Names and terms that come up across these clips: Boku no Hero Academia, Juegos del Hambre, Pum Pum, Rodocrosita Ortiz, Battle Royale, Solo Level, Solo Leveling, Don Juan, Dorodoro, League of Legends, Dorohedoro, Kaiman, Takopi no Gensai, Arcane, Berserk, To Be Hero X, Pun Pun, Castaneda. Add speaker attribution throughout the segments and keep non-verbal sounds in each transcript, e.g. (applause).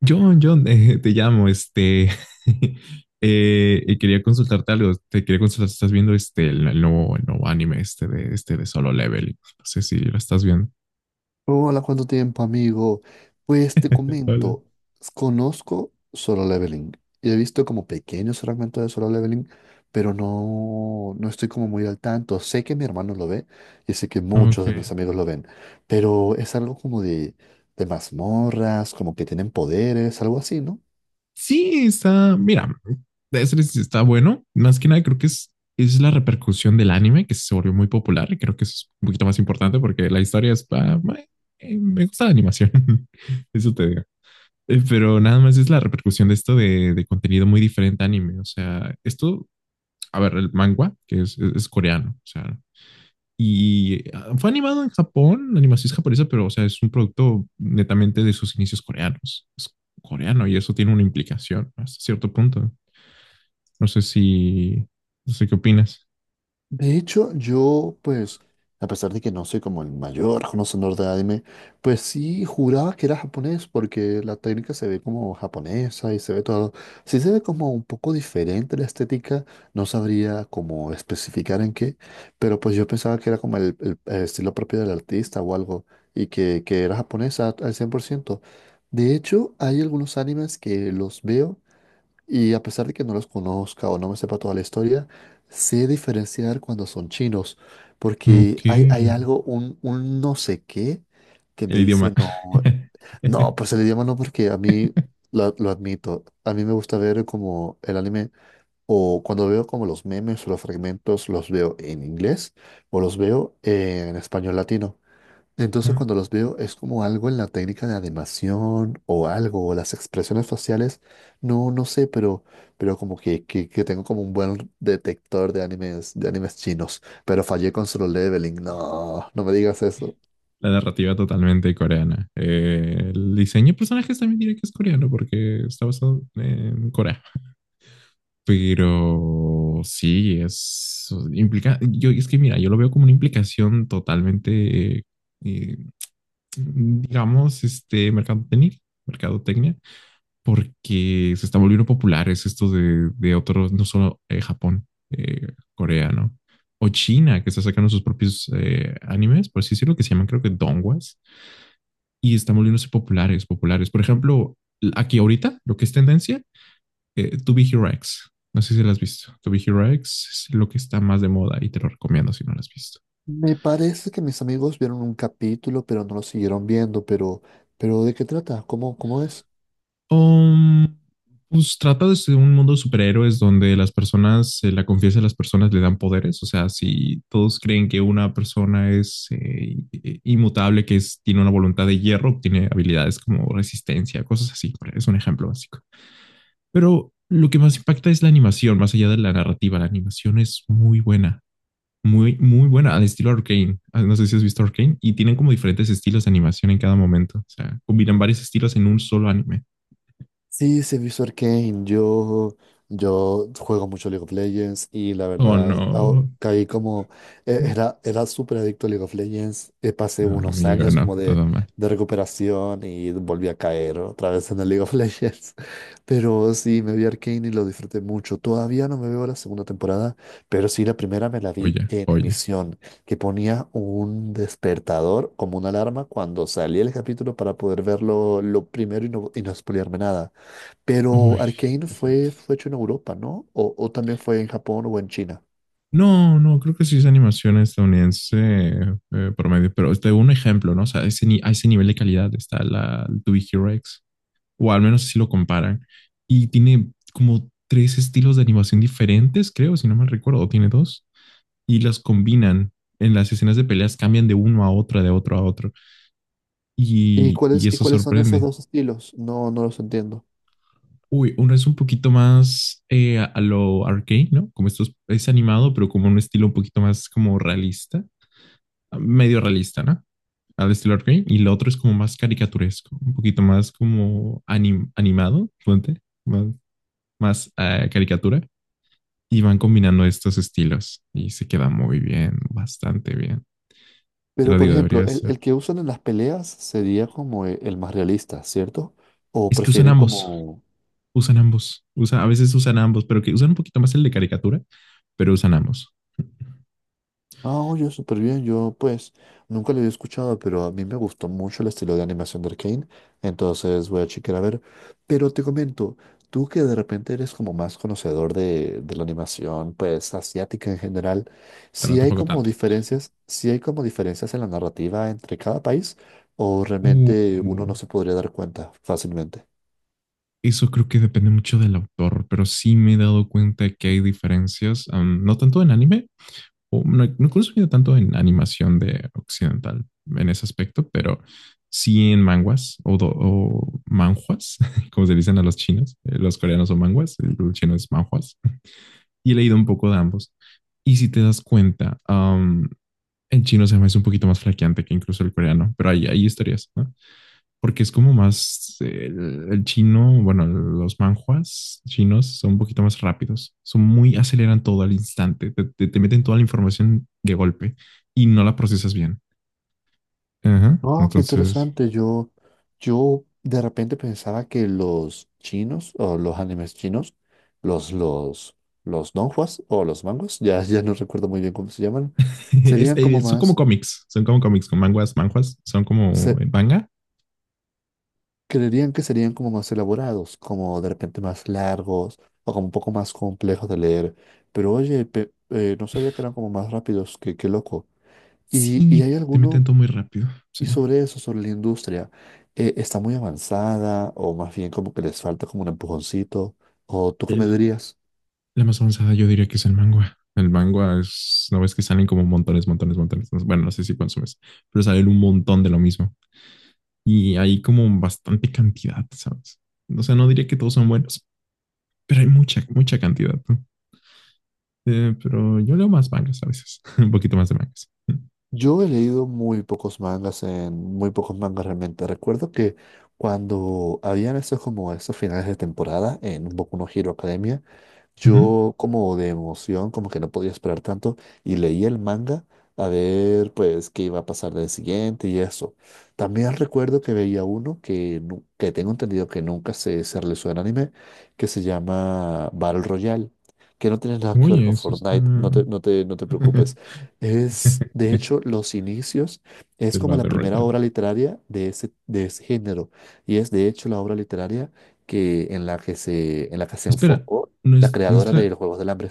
Speaker 1: John, John, (laughs) te llamo, (laughs) y quería consultarte algo, te quería consultar si estás viendo el nuevo, el nuevo anime este de Solo Level, no sé si lo estás viendo.
Speaker 2: Hola, ¿cuánto tiempo, amigo? Pues te
Speaker 1: Hola.
Speaker 2: comento, conozco Solo Leveling y he visto como pequeños fragmentos de Solo Leveling, pero no estoy como muy al tanto. Sé que mi hermano lo ve y sé que muchos de
Speaker 1: Ok.
Speaker 2: mis amigos lo ven, pero es algo como de mazmorras, como que tienen poderes, algo así, ¿no?
Speaker 1: Sí, está, mira, de ser sí está bueno, más que nada creo que es la repercusión del anime que se volvió muy popular, y creo que eso es un poquito más importante porque la historia es, me gusta la animación, (laughs) eso te digo. Pero nada más es la repercusión de de contenido muy diferente a anime. O sea, esto, a ver, el manga, es coreano, o sea, y fue animado en Japón, la animación es japonesa, pero, o sea, es un producto netamente de sus inicios coreanos. Es coreano y eso tiene una implicación hasta cierto punto. No sé si, no sé qué opinas.
Speaker 2: De hecho, yo, pues, a pesar de que no soy como el mayor conocedor de anime, pues sí juraba que era japonés, porque la técnica se ve como japonesa y se ve todo. Sí se ve como un poco diferente la estética, no sabría cómo especificar en qué, pero pues yo pensaba que era como el estilo propio del artista o algo, y que era japonesa al cien por ciento. De hecho, hay algunos animes que los veo. Y a pesar de que no los conozca o no me sepa toda la historia, sé diferenciar cuando son chinos, porque
Speaker 1: Ok,
Speaker 2: hay
Speaker 1: el
Speaker 2: algo, un no sé qué, que me
Speaker 1: idioma.
Speaker 2: dice, no, no, pues el
Speaker 1: (laughs)
Speaker 2: idioma no, porque a mí, lo admito, a mí me gusta ver como el anime, o cuando veo como los memes o los fragmentos, los veo en inglés o los veo en español latino. Entonces
Speaker 1: Ah.
Speaker 2: cuando los veo es como algo en la técnica de animación o algo, o las expresiones faciales, no, no sé, pero como que, que tengo como un buen detector de animes chinos, pero fallé con Solo Leveling, no, no me digas eso.
Speaker 1: La narrativa totalmente coreana. El diseño de personajes también diré que es coreano porque está basado en Corea. Pero sí, es implica. Yo es que mira, yo lo veo como una implicación totalmente, eh, digamos, mercadotecnia, mercadotecnia, porque se está volviendo populares de otros, no solo Japón, Corea, ¿no? O China, que está sacando sus propios animes, por así decirlo, que se llaman creo que Dongwas y están volviéndose populares, populares. Por ejemplo, aquí ahorita, lo que es tendencia, To Be Hero X. No sé si la has visto. To Be Hero X es lo que está más de moda y te lo recomiendo si no la has visto.
Speaker 2: Me parece que mis amigos vieron un capítulo, pero no lo siguieron viendo, pero ¿de qué trata? ¿Cómo, cómo es?
Speaker 1: Um, pues trata de un mundo de superhéroes donde las personas, la confianza de las personas le dan poderes. O sea, si todos creen que una persona es inmutable, que es, tiene una voluntad de hierro, tiene habilidades como resistencia, cosas así. Es un ejemplo básico. Pero lo que más impacta es la animación, más allá de la narrativa. La animación es muy buena, muy, muy buena, al estilo Arcane. Ah, no sé si has visto Arcane. Y tienen como diferentes estilos de animación en cada momento. O sea, combinan varios estilos en un solo anime.
Speaker 2: Sí, se visto Arcane. Yo juego mucho League of Legends y la
Speaker 1: Oh,
Speaker 2: verdad
Speaker 1: no.
Speaker 2: caí como. Era, era súper adicto a League of Legends. Pasé
Speaker 1: No,
Speaker 2: unos
Speaker 1: amigo,
Speaker 2: años
Speaker 1: no,
Speaker 2: como
Speaker 1: todo mal.
Speaker 2: de recuperación y volví a caer otra vez en el League of Legends. (laughs) Pero sí, me vi Arcane y lo disfruté mucho. Todavía no me veo la segunda temporada, pero sí la primera me la vi
Speaker 1: Oye,
Speaker 2: en
Speaker 1: oye.
Speaker 2: emisión, que ponía un despertador como una alarma cuando salía el capítulo para poder verlo lo primero y no spoilearme nada. Pero
Speaker 1: Uy,
Speaker 2: Arcane
Speaker 1: fíjate.
Speaker 2: fue hecho en Europa, ¿no? O también fue en Japón o en China.
Speaker 1: No, no, creo que sí es animación estadounidense promedio, pero te doy un ejemplo, ¿no? O sea, ese ni- a ese nivel de calidad está la To Be Hero X, o al menos así lo comparan. Y tiene como tres estilos de animación diferentes, creo, si no mal recuerdo, tiene dos, y las combinan. En las escenas de peleas cambian de uno a otro, de otro a otro, y
Speaker 2: Y
Speaker 1: eso
Speaker 2: cuáles son esos
Speaker 1: sorprende.
Speaker 2: dos estilos? No, no los entiendo.
Speaker 1: Uy, uno es un poquito más a lo arcade, ¿no? Como es animado, pero como un estilo un poquito más como realista, medio realista, ¿no? Al estilo arcade y lo otro es como más caricaturesco, un poquito más como animado, puente, más, más caricatura, y van combinando estos estilos y se queda muy bien, bastante bien. Te
Speaker 2: Pero,
Speaker 1: lo
Speaker 2: por
Speaker 1: digo,
Speaker 2: ejemplo,
Speaker 1: debería
Speaker 2: el,
Speaker 1: ser.
Speaker 2: el que usan en las peleas sería como más realista, ¿cierto? ¿O
Speaker 1: Es que usan
Speaker 2: prefieren
Speaker 1: ambos,
Speaker 2: como?
Speaker 1: a veces usan ambos, pero que usan un poquito más el de caricatura, pero usan ambos.
Speaker 2: Ah, oye, súper bien. Yo, pues, nunca lo había escuchado, pero a mí me gustó mucho el estilo de animación de Arcane. Entonces voy a chequear a ver. Pero te comento, tú que de repente eres como más conocedor de la animación, pues, asiática en general,
Speaker 1: Bueno,
Speaker 2: si hay
Speaker 1: tampoco
Speaker 2: como
Speaker 1: tanto.
Speaker 2: diferencias, si hay como diferencias en la narrativa entre cada país, o realmente uno no
Speaker 1: Uh,
Speaker 2: se podría dar cuenta fácilmente.
Speaker 1: eso creo que depende mucho del autor, pero sí me he dado cuenta que hay diferencias, no tanto en anime, o no, no he consumido tanto en animación de occidental en ese aspecto, pero sí en manguas o manjuas, (laughs) como se dicen a los chinos. Los coreanos son manguas, el chino es manjuas. Y he leído un poco de ambos. Y si te das cuenta, en chino se me hace un poquito más flaqueante que incluso el coreano, pero hay historias, ¿no? Porque es como más el chino, bueno, los manjuas chinos son un poquito más rápidos, son muy, aceleran todo al instante, te meten toda la información de golpe y no la procesas bien. Ajá,
Speaker 2: Oh, qué
Speaker 1: entonces,
Speaker 2: interesante. Yo de repente pensaba que los chinos o los animes chinos, los, los, los donghua o los manguas, ya, ya no recuerdo muy bien cómo se llaman,
Speaker 1: (laughs)
Speaker 2: serían como más,
Speaker 1: son como cómics con manguas, manjuas, son como
Speaker 2: se,
Speaker 1: manga.
Speaker 2: creerían que serían como más elaborados, como de repente más largos o como un poco más complejos de leer. Pero oye, no sabía que eran como más rápidos, qué, qué loco. Y
Speaker 1: Sí,
Speaker 2: hay
Speaker 1: te meten
Speaker 2: alguno?
Speaker 1: todo muy rápido, sí.
Speaker 2: Y sobre eso, sobre la industria, ¿está muy avanzada o más bien como que les falta como un empujoncito? ¿O tú qué me
Speaker 1: El-
Speaker 2: dirías?
Speaker 1: la más avanzada yo diría que es el manga. El manga es, no ves que salen como montones, montones, montones. Bueno, no sé si consumes, pero salen un montón de lo mismo, y hay como bastante cantidad, ¿sabes? O sea, no diría que todos son buenos, pero hay mucha, mucha cantidad, ¿no? Pero yo leo más mangas a veces, (laughs) un poquito más de mangas.
Speaker 2: Yo he leído muy pocos mangas en muy pocos mangas realmente. Recuerdo que cuando habían esos como esos finales de temporada en Boku no Hero Academia,
Speaker 1: Ujú.
Speaker 2: yo como de emoción, como que no podía esperar tanto y leí el manga a ver pues qué iba a pasar del siguiente y eso. También recuerdo que veía uno que, que tengo entendido que nunca se realizó en anime, que se llama Battle Royale, que no tiene nada que ver
Speaker 1: Oye,
Speaker 2: con
Speaker 1: eso está…
Speaker 2: Fortnite, no te preocupes.
Speaker 1: (laughs)
Speaker 2: Es, de hecho, los inicios, es
Speaker 1: El
Speaker 2: como la
Speaker 1: Battle
Speaker 2: primera
Speaker 1: Royale.
Speaker 2: obra literaria de de ese género y es de hecho la obra literaria que, en la en la que se
Speaker 1: Espera,
Speaker 2: enfocó
Speaker 1: no
Speaker 2: la
Speaker 1: es, no es
Speaker 2: creadora
Speaker 1: la…
Speaker 2: de los Juegos del Hambre.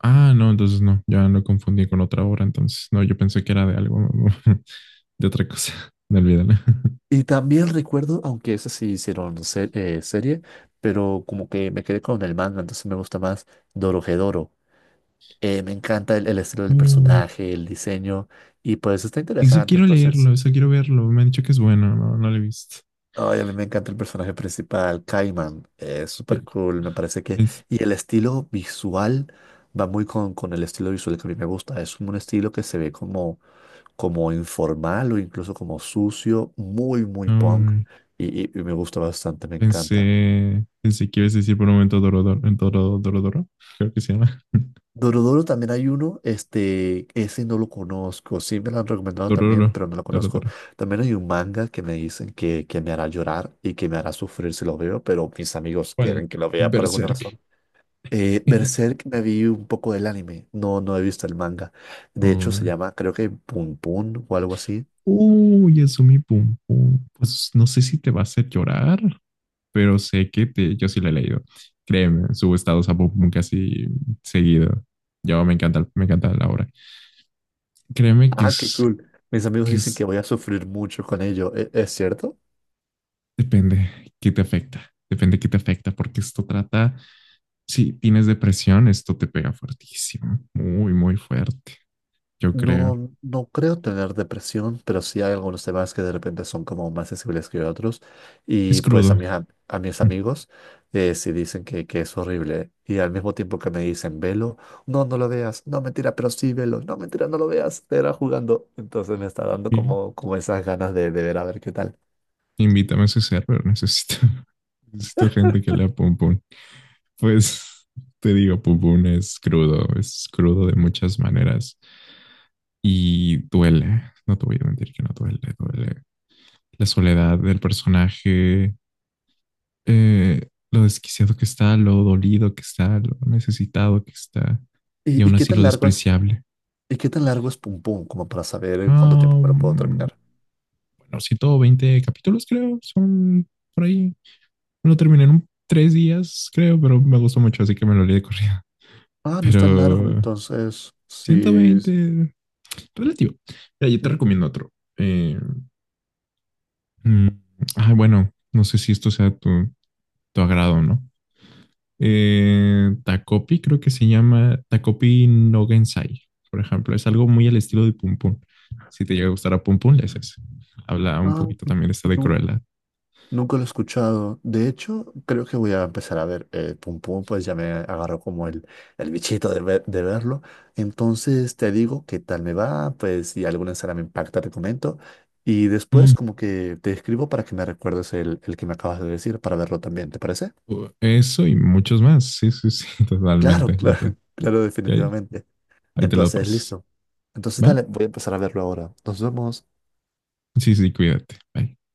Speaker 1: Ah, no, entonces no, ya lo confundí con otra obra, entonces no, yo pensé que era de algo, (laughs) de otra cosa, (laughs) no olvídalo. (laughs)
Speaker 2: Y también recuerdo, aunque esas sí hicieron serie, pero como que me quedé con el manga, entonces me gusta más Dorohedoro. Me encanta el estilo del
Speaker 1: Uh,
Speaker 2: personaje, el diseño, y pues está
Speaker 1: eso
Speaker 2: interesante.
Speaker 1: quiero
Speaker 2: Entonces,
Speaker 1: leerlo, eso quiero verlo, me han dicho que es bueno, no, no lo he visto.
Speaker 2: ay, a mí me encanta el personaje principal, Kaiman. Es súper
Speaker 1: Pe-
Speaker 2: cool, me parece que.
Speaker 1: pens-
Speaker 2: Y el estilo visual va muy con el estilo visual que a mí me gusta. Es como un estilo que se ve como como informal o incluso como sucio, muy, muy punk,
Speaker 1: Mm,
Speaker 2: y me gusta bastante, me encanta.
Speaker 1: pensé, pensé que ibas a decir por un momento Dorodoro, en Dorodoro, creo que se llama. (laughs)
Speaker 2: Dorodoro también hay uno, este, ese no lo conozco, sí me lo han recomendado
Speaker 1: Dororo,
Speaker 2: también, pero no lo conozco.
Speaker 1: Dorodoro.
Speaker 2: También hay un manga que me dicen que me hará llorar y que me hará sufrir si lo veo, pero mis amigos
Speaker 1: ¿Cuál?
Speaker 2: quieren que lo vea por alguna
Speaker 1: Berserk.
Speaker 2: razón.
Speaker 1: (laughs)
Speaker 2: Berserk me vi un poco del anime, no, no he visto el manga. De hecho, se
Speaker 1: Uy,
Speaker 2: llama, creo que Pun Pun o algo así.
Speaker 1: uy, Yasumi Pum Pum. Pues no sé si te va a hacer llorar, pero sé que te, yo sí la he leído. Créeme, subo estados a Pum Pum casi seguido. Yo me encanta la obra. Créeme
Speaker 2: Ah, qué cool. Mis amigos
Speaker 1: que
Speaker 2: dicen que
Speaker 1: es,
Speaker 2: voy a sufrir mucho con ello. ¿Es cierto?
Speaker 1: depende qué te afecta. Depende qué te afecta, porque esto trata. Si tienes depresión, esto te pega fuertísimo, muy, muy fuerte, yo creo.
Speaker 2: No, no creo tener depresión, pero sí hay algunos temas que de repente son como más sensibles que otros.
Speaker 1: Es
Speaker 2: Y pues a
Speaker 1: crudo.
Speaker 2: a mis
Speaker 1: (laughs)
Speaker 2: amigos sí dicen que es horrible. Y al mismo tiempo que me dicen, velo, no, no lo veas. No, mentira, pero sí, velo. No, mentira, no lo veas. Te era jugando. Entonces me está dando
Speaker 1: Y-
Speaker 2: como, como esas ganas de ver a ver qué tal.
Speaker 1: Invítame a ese server, necesito, (laughs) necesito gente que lea Pum Pum. Pues te digo, Pum Pum es crudo de muchas maneras y duele, no te voy a mentir que no duele, duele. La soledad del personaje, lo desquiciado que está, lo dolido que está, lo necesitado que está y
Speaker 2: Y
Speaker 1: aún
Speaker 2: qué
Speaker 1: así
Speaker 2: tan
Speaker 1: lo
Speaker 2: largo es?
Speaker 1: despreciable.
Speaker 2: ¿Y qué tan largo es Pum Pum? Como para saber en cuánto
Speaker 1: Ah,
Speaker 2: tiempo me lo puedo
Speaker 1: um,
Speaker 2: terminar.
Speaker 1: bueno, 120 capítulos, creo, son por ahí. Me lo terminé en 3 días, creo, pero me gustó mucho, así que me lo leí de corrida. (laughs)
Speaker 2: Ah, no es tan largo
Speaker 1: Pero
Speaker 2: entonces.
Speaker 1: ciento
Speaker 2: Sí.
Speaker 1: veinte, relativo. Mira, yo te recomiendo otro. Eh, mm, bueno, no sé si esto sea tu agrado, o ¿no? Takopi, creo que se llama Takopi no Gensai, por ejemplo. Es algo muy al estilo de Pum Pum. Si te llega a gustar a Pum Pum, le haces. Habla un
Speaker 2: Ah,
Speaker 1: poquito también de esta de
Speaker 2: nu-
Speaker 1: Cruella.
Speaker 2: nunca lo he escuchado. De hecho, creo que voy a empezar a ver Pum Pum, pues ya me agarró como el bichito de, de verlo. Entonces te digo qué tal me va, pues si alguna escena me impacta, te comento. Y después
Speaker 1: Mm,
Speaker 2: como que te escribo para que me recuerdes el que me acabas de decir para verlo también, ¿te parece?
Speaker 1: Eso y muchos más. Sí, sí, sí, (laughs)
Speaker 2: Claro,
Speaker 1: totalmente.
Speaker 2: claro, (laughs) claro,
Speaker 1: Ya-
Speaker 2: definitivamente.
Speaker 1: ahí te lo
Speaker 2: Entonces,
Speaker 1: paso.
Speaker 2: listo. Entonces,
Speaker 1: ¿Va?
Speaker 2: dale, voy a empezar a verlo ahora. Nos vemos.
Speaker 1: Sí, sí, cuídate. Bye.